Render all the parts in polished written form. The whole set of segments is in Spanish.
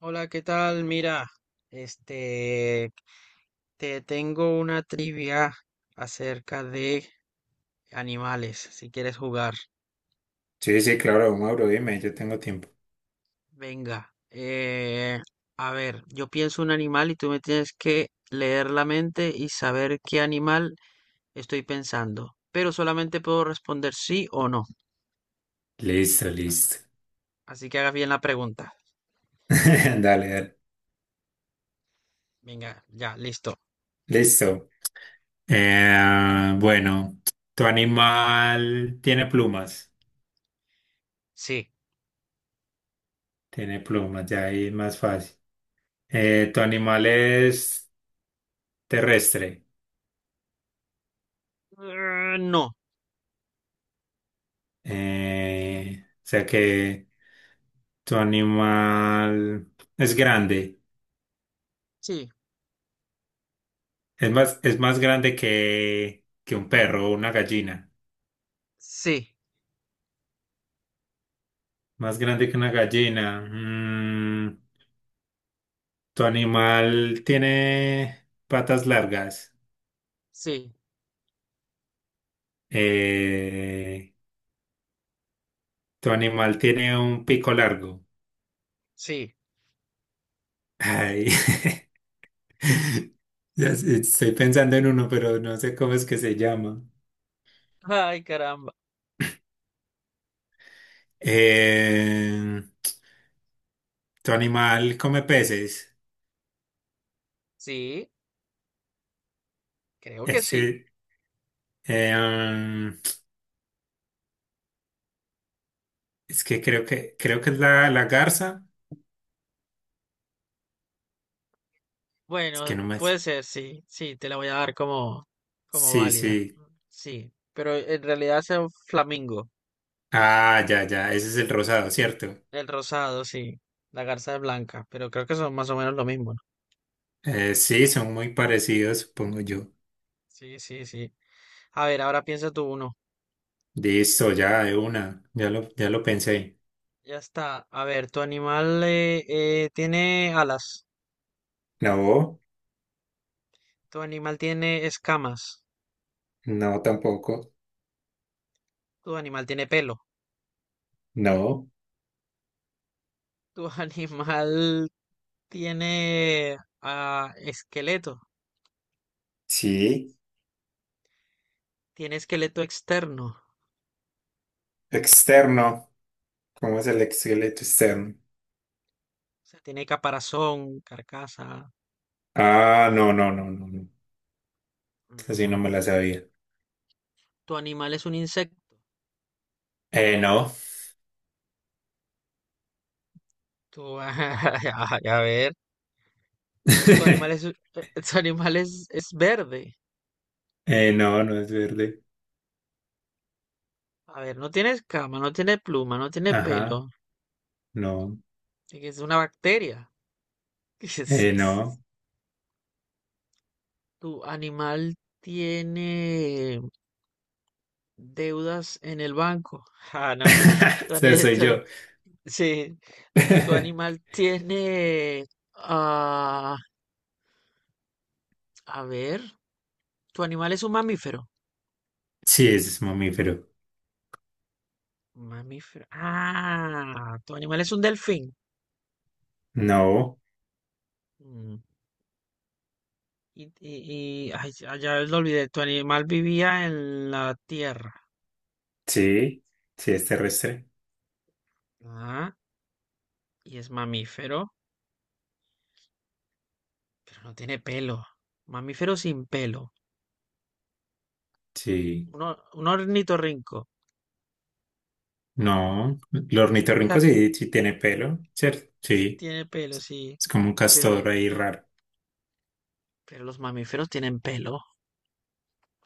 Hola, ¿qué tal? Mira, este, te tengo una trivia acerca de animales, si quieres jugar. Sí, sí, claro, Mauro, dime, yo tengo tiempo. Venga, a ver, yo pienso un animal y tú me tienes que leer la mente y saber qué animal estoy pensando, pero solamente puedo responder sí o no. Listo, listo. Así que hagas bien la pregunta. Dale, dale. Venga, ya, listo. Listo. Eh, bueno, tu animal tiene plumas. Sí. Tiene plumas, ya ahí es más fácil. Tu animal es terrestre. No. O sea que tu animal es grande. Sí. Es más grande que un perro o una gallina. Sí. Más grande que una gallina. Tu animal tiene patas largas. Sí. Eh, tu animal tiene un pico largo. Sí. Ay, ya sé, estoy pensando en uno, pero no sé cómo es que se llama. Ay, caramba. Eh, tu animal come peces. Sí, creo que Es sí. que, eh, um, es que creo que es la garza. Es que Bueno, no me sé. puede ser, sí, sí, te la voy a dar como, como Sí, válida. sí. Sí, pero en realidad es el flamingo, Ah, ya, ya. Ese es el rosado, ¿cierto? el rosado, sí, la garza es blanca, pero creo que son más o menos lo mismo, ¿no? Sí, son muy parecidos, supongo yo. Sí, sí, sí. A ver, ahora piensa tú uno. Listo, ya de una, ya ya lo pensé. Ya está. A ver, tu animal tiene alas, No, tu animal tiene escamas, no tampoco. tu animal tiene pelo, No, tu animal tiene esqueleto, sí. tiene esqueleto externo. Externo. ¿Cómo es el esqueleto externo? Sea, tiene caparazón, carcasa. Ah, no, no, no, no, no. Así no Mm, me la sabía. Tu animal es un insecto. No. Ay, a ver, tu animal es, es verde. No, no es verde. A ver, no tiene escama, no tiene pluma, no tiene Ajá, pelo. no. Es una bacteria. Es- es- No. Tu animal tiene deudas en el banco. Ah, no. Tu O sea, ani- soy tu ani- yo. sí, tu animal tiene... ah, a ver, tu animal es un mamífero. Sí, es mamífero. Mamífero. Ah, tu animal es un delfín. No, Mm. Ay, ya lo olvidé. Tu animal vivía en la tierra. sí, sí es terrestre. Ah, y es mamífero, pero no tiene pelo. Mamífero sin pelo. Sí. Un ornitorrinco. No, el ornitorrinco sí, sí tiene pelo, ¿cierto? Sí, Sí, tiene pelo, sí. es como un castor Pero, ahí raro. pero los mamíferos tienen pelo.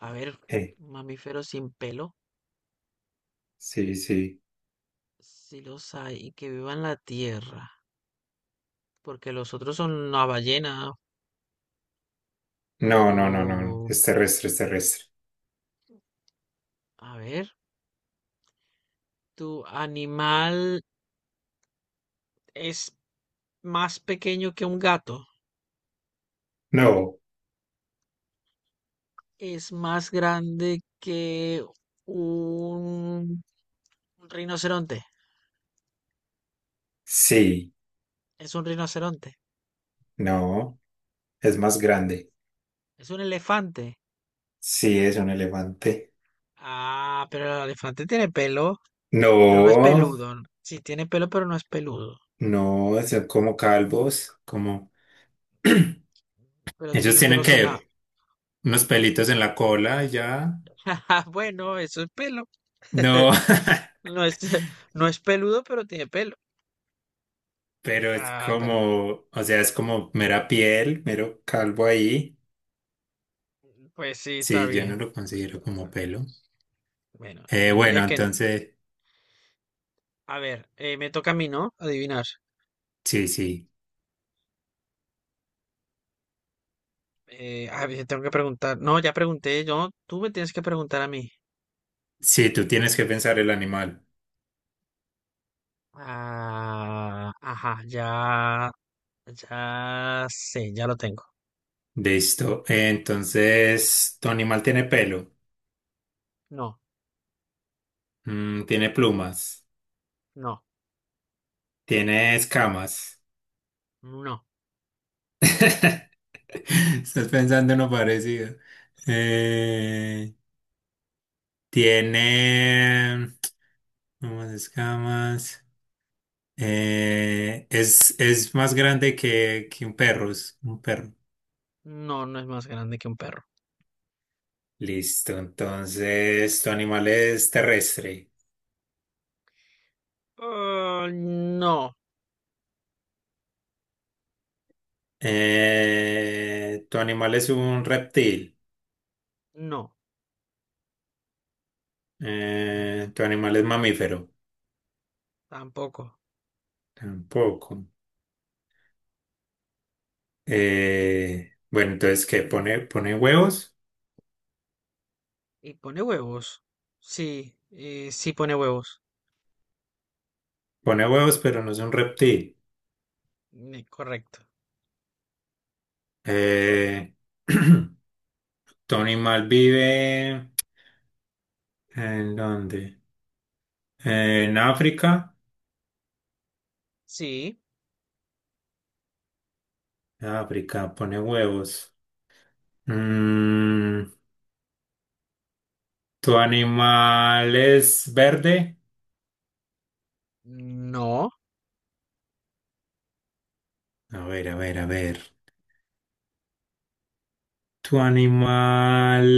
A ver, Eh, mamíferos sin pelo. sí, sí. Sí los hay y que vivan la tierra. Porque los otros son una ballena. No, no, no, no, no, Pero, es terrestre, es terrestre. a ver. ¿Tu animal es más pequeño que un gato? No, ¿Es más grande que un rinoceronte? sí, Es un rinoceronte. no, es más grande. Es un elefante. Sí, es un elefante. Ah, pero el elefante tiene pelo, pero no es No, peludo. Sí, tiene pelo, pero no es peludo. no, son como calvos, como. Pero Ellos tiene tienen pelos en la... que unos pelitos en la cola y ya. Bueno, eso es pelo. No, No es, no es peludo, pero tiene pelo. pero es Ay, pero... como, o sea, es como mera piel, mero calvo ahí. Pues sí, está Sí, yo no bien. lo considero Está como bien. pelo. Bueno, Eh, yo diría bueno, que entonces, a ver, me toca a mí, ¿no? Adivinar. sí, sí. A ver, tengo que preguntar. No, ya pregunté yo. Tú me tienes que preguntar a mí. Sí, tú tienes que pensar el animal. Ah, ajá, ya, ya sé, ya lo tengo. Listo. Tu animal tiene pelo. No, Tiene plumas, no, tiene escamas. no, Estás pensando en lo parecido. Eh, tiene plumas, escamas. Es más grande que un perro, es un perro. no, no es más grande que un perro. Listo, entonces tu animal es terrestre. Ah, no, Tu animal es un reptil. no, Tu animal es mamífero. tampoco. Tampoco. ¿Qué? Pone huevos? ¿Y pone huevos? Sí, sí pone huevos. Pone huevos, pero no es un reptil. Correcto. Eh, tu animal vive ¿en dónde? En África. Sí, En África, pone huevos. Mm, ¿Tu animal es verde? no, A ver, a ver, a ver. ¿Tu animal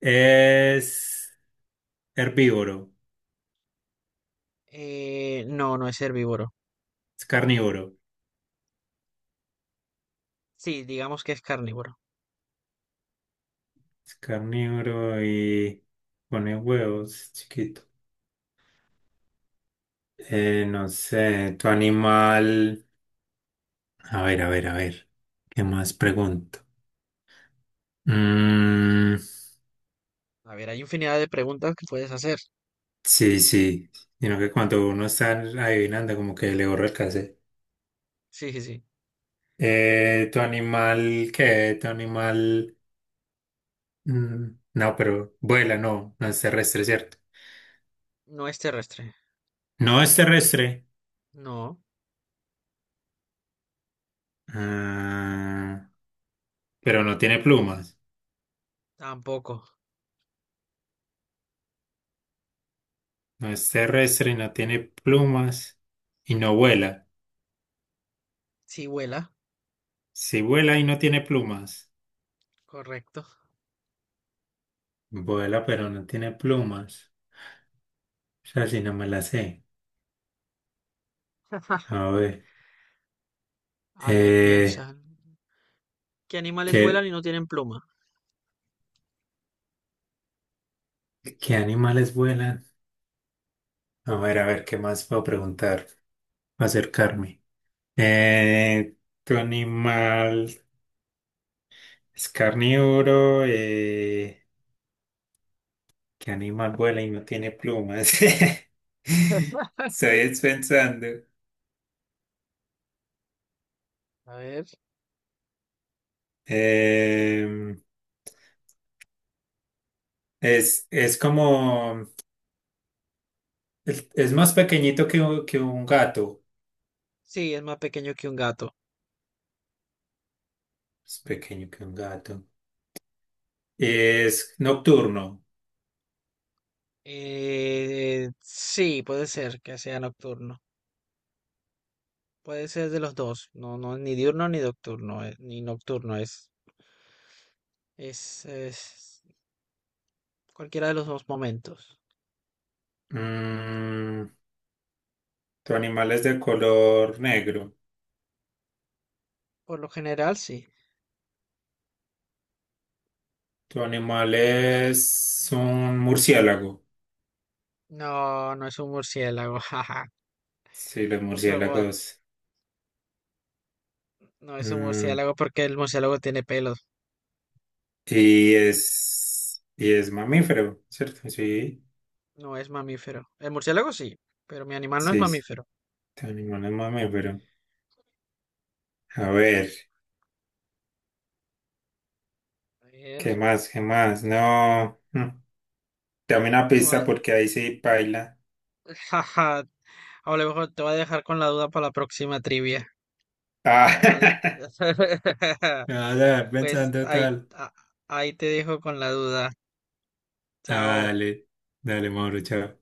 es herbívoro? No, no es herbívoro. Es carnívoro. Sí, digamos que es carnívoro. Es carnívoro y pone huevos, es chiquito. No sé, tu animal. A ver, a ver, a ver. ¿Qué más pregunto? Mm, A ver, hay infinidad de preguntas que puedes hacer. sí, sí. Sino que cuando uno está adivinando, como que le borra el cassette. Sí, sí, sí. ¿Tu animal qué? ¿Tu animal? No, pero vuela, no, no es terrestre, ¿cierto? No es terrestre. No es terrestre, No, ah, pero no tiene plumas. tampoco. No es terrestre, no tiene plumas y no vuela. Sí vuela. Si vuela y no tiene plumas, Correcto. vuela, pero no tiene plumas. O sea, si no me la sé. A ver, A ver, eh, piensa. ¿Qué animales vuelan ¿qué, y no tienen pluma? qué animales vuelan? A ver, ¿qué más puedo preguntar? Acercarme. Eh, ¿Tu animal? Es carnívoro. ¿Qué animal vuela y no tiene plumas? Estoy pensando. A ver, ¿qué? Em, es como. Es más pequeñito que un gato. Sí, es más pequeño que un gato. Es pequeño que un gato. Es nocturno. Sí, puede ser que sea nocturno. Puede ser de los dos, no, no, ni diurno ni nocturno, ni nocturno es, es cualquiera de los dos momentos. Mm, tu animal es de color negro. Por lo general, sí. Tu animal Eh, es un murciélago. No, no es un murciélago, jaja. Sí, los Creo que murciélagos. no es un Mm, murciélago porque el murciélago tiene pelos, ¿y es, y es mamífero, cierto? Sí, no es mamífero. El murciélago sí, pero mi animal no es sí, sí. mamífero. Tu animal es mamífero. A ver, A ¿qué ver, más? ¿Qué más? No. Dame una te voy pista a- porque ahí sí paila. jaja, a lo mejor te voy a dejar con la duda para la próxima trivia. Vale. Ah, me Pues pensando ahí, tal. Ahí te dejo con la duda. Ah, Chao. dale, dale, Mauro, chao.